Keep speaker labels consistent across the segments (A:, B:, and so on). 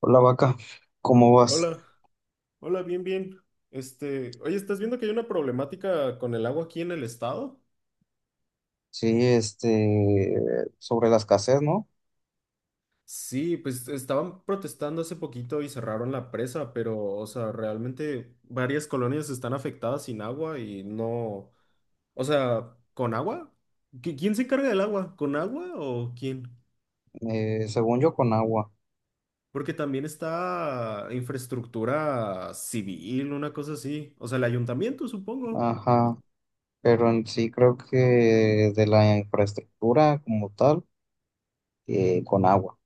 A: Hola vaca, ¿cómo vas?
B: Hola, hola, bien, bien. Este, oye, ¿estás viendo que hay una problemática con el agua aquí en el estado?
A: Sí, sobre la escasez, ¿no?
B: Sí, pues estaban protestando hace poquito y cerraron la presa, pero, o sea, realmente varias colonias están afectadas sin agua y no, o sea, ¿con agua? ¿Quién se encarga del agua? ¿Con agua o quién?
A: Según yo, con agua.
B: Porque también está infraestructura civil, una cosa así. O sea, el ayuntamiento, supongo.
A: Ajá, pero en sí creo que de la infraestructura como tal, con agua.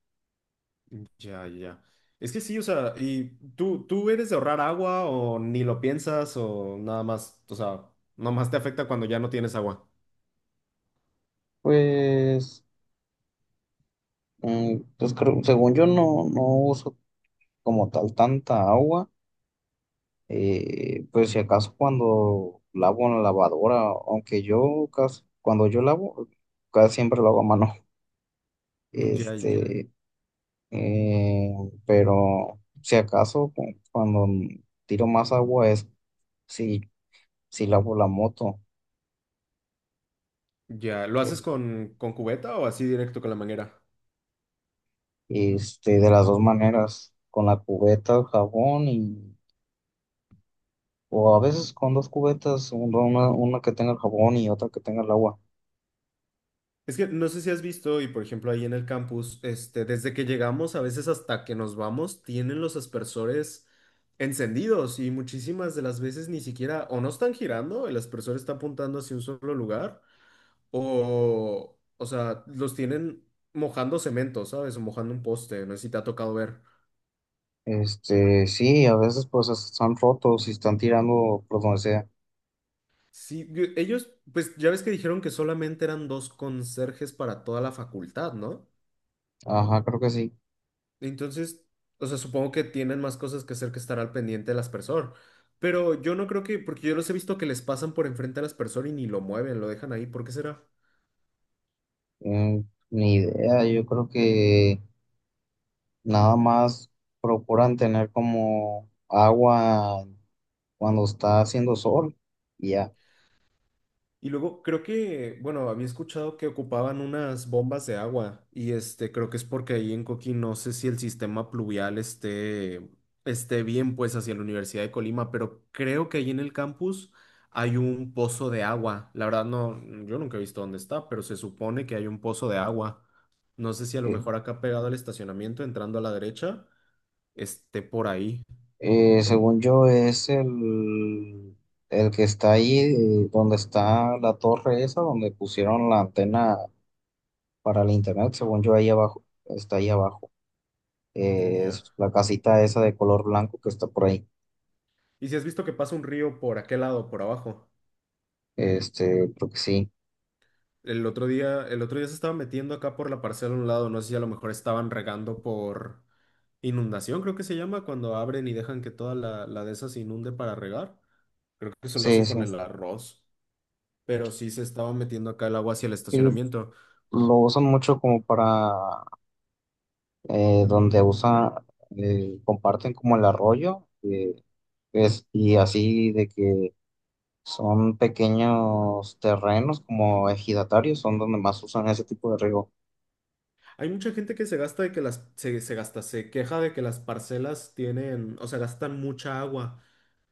B: Ya, ya. Es que sí, o sea, ¿y tú eres de ahorrar agua o ni lo piensas o nada más, o sea, nada más te afecta cuando ya no tienes agua?
A: Pues, Según yo no, no uso como tal tanta agua, pues si acaso cuando lavo en la lavadora, aunque yo casi, cuando yo lavo, casi siempre lo hago a mano.
B: Ya,
A: Este, Eh, pero si acaso cuando tiro más agua es si, si lavo la moto.
B: ya. ¿Lo haces
A: eh,
B: con cubeta o así directo con la manguera?
A: de las dos maneras, con la cubeta, el jabón y, o a veces con dos cubetas, una, una que tenga el jabón y otra que tenga el agua.
B: Es que no sé si has visto, y por ejemplo ahí en el campus, este, desde que llegamos, a veces hasta que nos vamos, tienen los aspersores encendidos y muchísimas de las veces ni siquiera o no están girando, el aspersor está apuntando hacia un solo lugar. O sea, los tienen mojando cemento, ¿sabes? O mojando un poste, no sé si te ha tocado ver.
A: Sí, a veces pues están rotos y están tirando por donde sea.
B: Sí, ellos, pues ya ves que dijeron que solamente eran dos conserjes para toda la facultad, ¿no?
A: Ajá, creo que sí.
B: Entonces, o sea, supongo que tienen más cosas que hacer que estar al pendiente del aspersor. Pero yo no creo que, porque yo los he visto que les pasan por enfrente al aspersor y ni lo mueven, lo dejan ahí. ¿Por qué será?
A: Mm, Ni idea, yo creo que nada más procuran tener como agua cuando está haciendo sol, y ya.
B: Y luego creo que, bueno, había escuchado que ocupaban unas bombas de agua y este, creo que es porque ahí en Coquín no sé si el sistema pluvial esté, esté bien pues hacia la Universidad de Colima, pero creo que ahí en el campus hay un pozo de agua. La verdad no, yo nunca he visto dónde está, pero se supone que hay un pozo de agua. No sé si a lo
A: Eh,
B: mejor acá pegado al estacionamiento, entrando a la derecha, esté por ahí.
A: Según yo, es el que está ahí, donde está la torre esa, donde pusieron la antena para el internet, según yo, ahí abajo, está ahí abajo.
B: Ya.
A: Es la casita esa de color blanco que está por ahí.
B: ¿Y si has visto que pasa un río por aquel lado, por abajo?
A: Creo que sí,
B: El otro día se estaba metiendo acá por la parcela a un lado, no sé si a lo mejor estaban regando por inundación, creo que se llama, cuando abren y dejan que toda la de esas se inunde para regar. Creo que eso lo
A: sí,
B: hacen con
A: sí.
B: el arroz, pero sí se estaba metiendo acá el agua hacia el
A: Y
B: estacionamiento.
A: lo usan mucho como para eh, donde usa, comparten como el arroyo, es, y así de que son pequeños terrenos como ejidatarios, son donde más usan ese tipo de riego.
B: Hay mucha gente que se gasta de que las, se gasta, se queja de que las parcelas tienen, o sea, gastan mucha agua.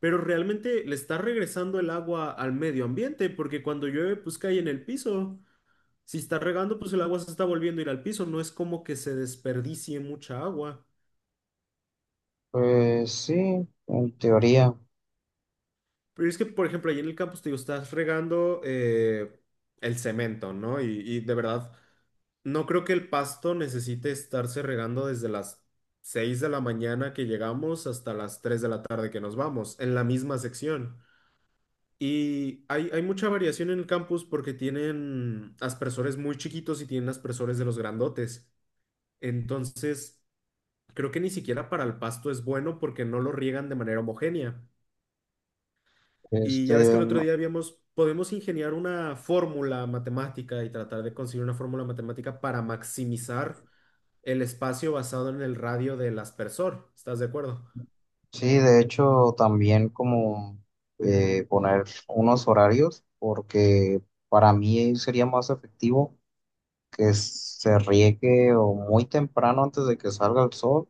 B: Pero realmente le está regresando el agua al medio ambiente, porque cuando llueve, pues cae en el piso. Si está regando, pues el agua se está volviendo a ir al piso, no es como que se desperdicie mucha agua.
A: Pues sí, en teoría.
B: Pero es que, por ejemplo, ahí en el campus, te digo, estás regando el cemento, ¿no? Y de verdad, no creo que el pasto necesite estarse regando desde las 6 de la mañana que llegamos hasta las 3 de la tarde que nos vamos, en la misma sección. Y hay mucha variación en el campus porque tienen aspersores muy chiquitos y tienen aspersores de los grandotes. Entonces, creo que ni siquiera para el pasto es bueno porque no lo riegan de manera homogénea. Y ya ves que
A: Este,
B: el otro
A: no-
B: día habíamos, podemos ingeniar una fórmula matemática y tratar de conseguir una fórmula matemática para maximizar el espacio basado en el radio del aspersor. ¿Estás de acuerdo?
A: sí, de hecho, también como poner unos horarios, porque para mí sería más efectivo que se riegue o muy temprano antes de que salga el sol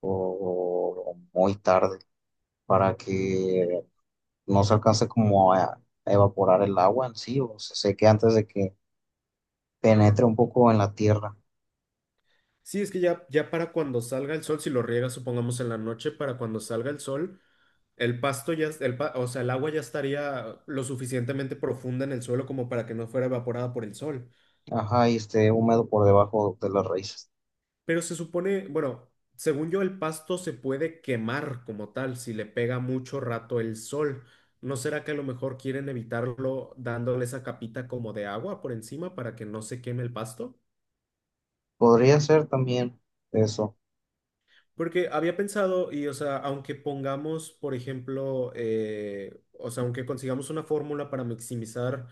A: o muy tarde, para que no se alcance como a evaporar el agua en sí o se seque antes de que penetra un poco en la tierra,
B: Sí, es que ya, ya para cuando salga el sol, si lo riega supongamos en la noche, para cuando salga el sol, el pasto ya, o sea, el agua ya estaría lo suficientemente profunda en el suelo como para que no fuera evaporada por el sol.
A: ajá, y esté húmedo por debajo de las raíces.
B: Pero se supone, bueno, según yo, el pasto se puede quemar como tal si le pega mucho rato el sol. ¿No será que a lo mejor quieren evitarlo dándole esa capita como de agua por encima para que no se queme el pasto?
A: Podría ser también eso.
B: Porque había pensado, y o sea, aunque pongamos, por ejemplo, o sea, aunque consigamos una fórmula para maximizar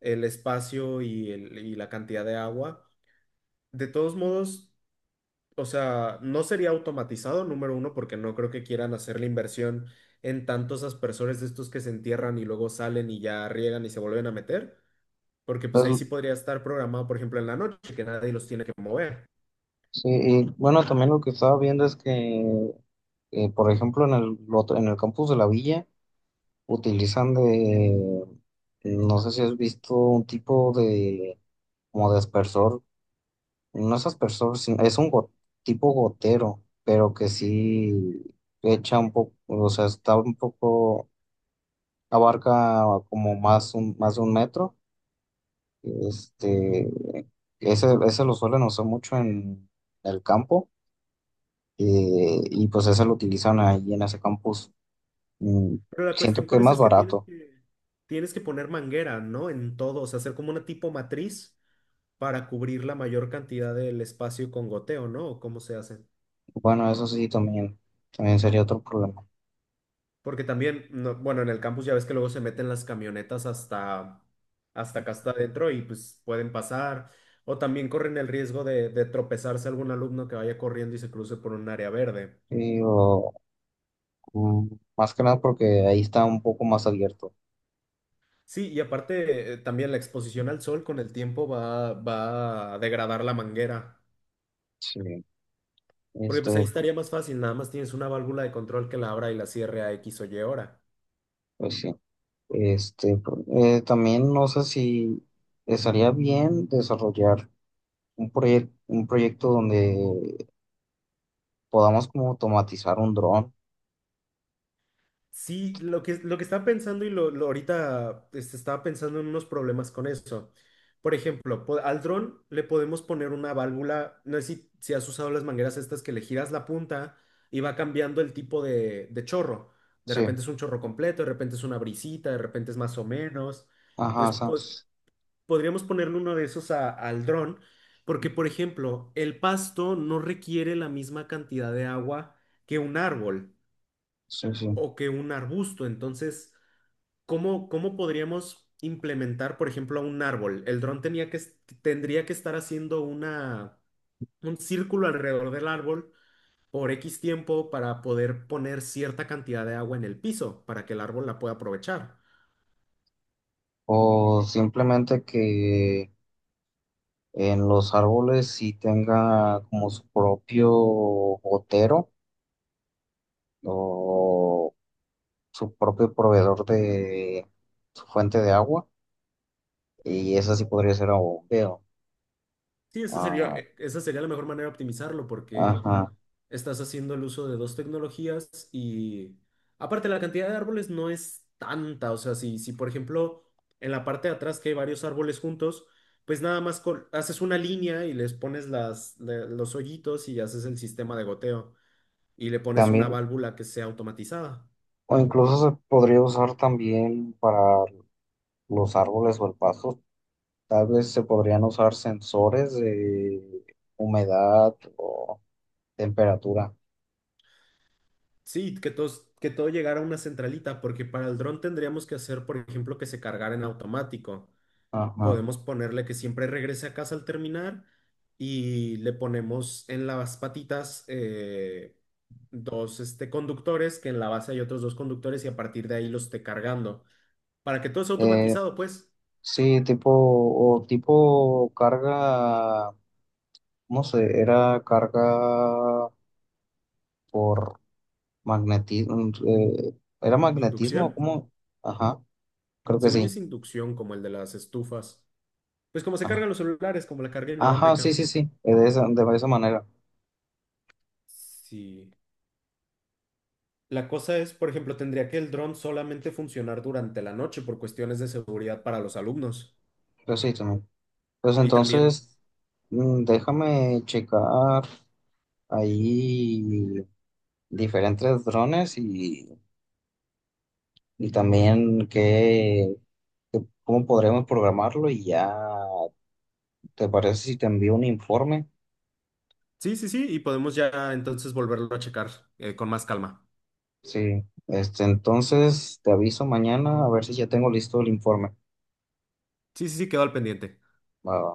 B: el espacio y, y la cantidad de agua, de todos modos. O sea, no sería automatizado, número uno, porque no creo que quieran hacer la inversión en tantos aspersores de estos que se entierran y luego salen y ya riegan y se vuelven a meter, porque pues ahí sí
A: Entonces,
B: podría estar programado, por ejemplo, en la noche, que nadie los tiene que mover.
A: sí, y bueno, también lo que estaba viendo es que, por ejemplo, en el, en el campus de la villa utilizan de, no sé si has visto un tipo de, como de aspersor, no es aspersor, es un tipo gotero, pero que sí echa un poco, o sea, está un poco abarca como más, un, más de un metro. Este, Ese, ese lo suelen usar mucho en el campo y pues ese lo utilizan ahí en ese campus. Mm,
B: Pero la
A: Siento
B: cuestión
A: que
B: con
A: es
B: eso
A: más
B: es que tienes
A: barato.
B: que, tienes que poner manguera, ¿no? En todo, o sea, hacer como una tipo matriz para cubrir la mayor cantidad del espacio con goteo, ¿no? ¿O ¿cómo se hace?
A: Bueno, eso sí, también, también sería otro problema.
B: Porque también, bueno, en el campus ya ves que luego se meten las camionetas hasta, hasta acá hasta adentro y pues pueden pasar. O también corren el riesgo de tropezarse algún alumno que vaya corriendo y se cruce por un área verde.
A: Y, o, mm, más que nada porque ahí está un poco más abierto.
B: Sí, y aparte también la exposición al sol con el tiempo va a degradar la manguera.
A: Sí.
B: Porque
A: Este,
B: pues ahí estaría más fácil, nada más tienes una válvula de control que la abra y la cierre a X o Y hora.
A: pues sí. También no sé si estaría bien desarrollar un proyecto donde podamos como automatizar un dron.
B: Sí, lo que estaba pensando y lo ahorita este, estaba pensando en unos problemas con eso. Por ejemplo, al dron le podemos poner una válvula, no sé si, si has usado las mangueras estas que le giras la punta y va cambiando el tipo de chorro. De
A: Sí,
B: repente es un chorro completo, de repente es una brisita, de repente es más o menos.
A: ajá,
B: Entonces, podríamos ponerle uno de esos al dron, porque, por ejemplo, el pasto no requiere la misma cantidad de agua que un árbol
A: sí, sí.
B: o que un arbusto. Entonces, ¿cómo podríamos implementar, por ejemplo, a un árbol? El dron tenía que, tendría que estar haciendo una, un círculo alrededor del árbol por X tiempo para poder poner cierta cantidad de agua en el piso para que el árbol la pueda aprovechar.
A: O simplemente que en los árboles sí tenga como su propio gotero o su propio proveedor de su fuente de agua y esa sí podría ser a bombeo.
B: Sí,
A: Ah,
B: esa sería la mejor manera de optimizarlo porque
A: ajá.
B: estás haciendo el uso de dos tecnologías y aparte la cantidad de árboles no es tanta, o sea, si, si por ejemplo en la parte de atrás que hay varios árboles juntos, pues nada más haces una línea y les pones los hoyitos y haces el sistema de goteo y le pones una
A: También,
B: válvula que sea automatizada.
A: o incluso se podría usar también para los árboles o el pasto. Tal vez se podrían usar sensores de humedad o temperatura.
B: Sí, que que todo llegara a una centralita, porque para el dron tendríamos que hacer, por ejemplo, que se cargara en automático.
A: Ajá.
B: Podemos ponerle que siempre regrese a casa al terminar y le ponemos en las patitas dos este, conductores, que en la base hay otros dos conductores y a partir de ahí los esté cargando. Para que todo sea
A: Eh,
B: automatizado, pues,
A: sí, tipo, o tipo carga, no sé, era carga por magnetismo, era magnetismo,
B: inducción.
A: ¿cómo? Ajá, creo que
B: Según yo
A: sí.
B: es inducción, como el de las estufas. Pues como se
A: Ah,
B: cargan los celulares, como la carga
A: ajá, sí,
B: inalámbrica.
A: sí, sí, de esa manera.
B: Sí. La cosa es, por ejemplo, tendría que el dron solamente funcionar durante la noche por cuestiones de seguridad para los alumnos.
A: Pero sí, también. Pues
B: Y también
A: entonces, déjame checar ahí diferentes drones y también qué, cómo podremos programarlo y ya, ¿te parece si te envío un informe?
B: sí, sí, sí, y podemos ya entonces volverlo a checar con más calma.
A: Sí, entonces te aviso mañana a ver si ya tengo listo el informe.
B: Sí, sí, sí, quedó al pendiente.
A: Va, va.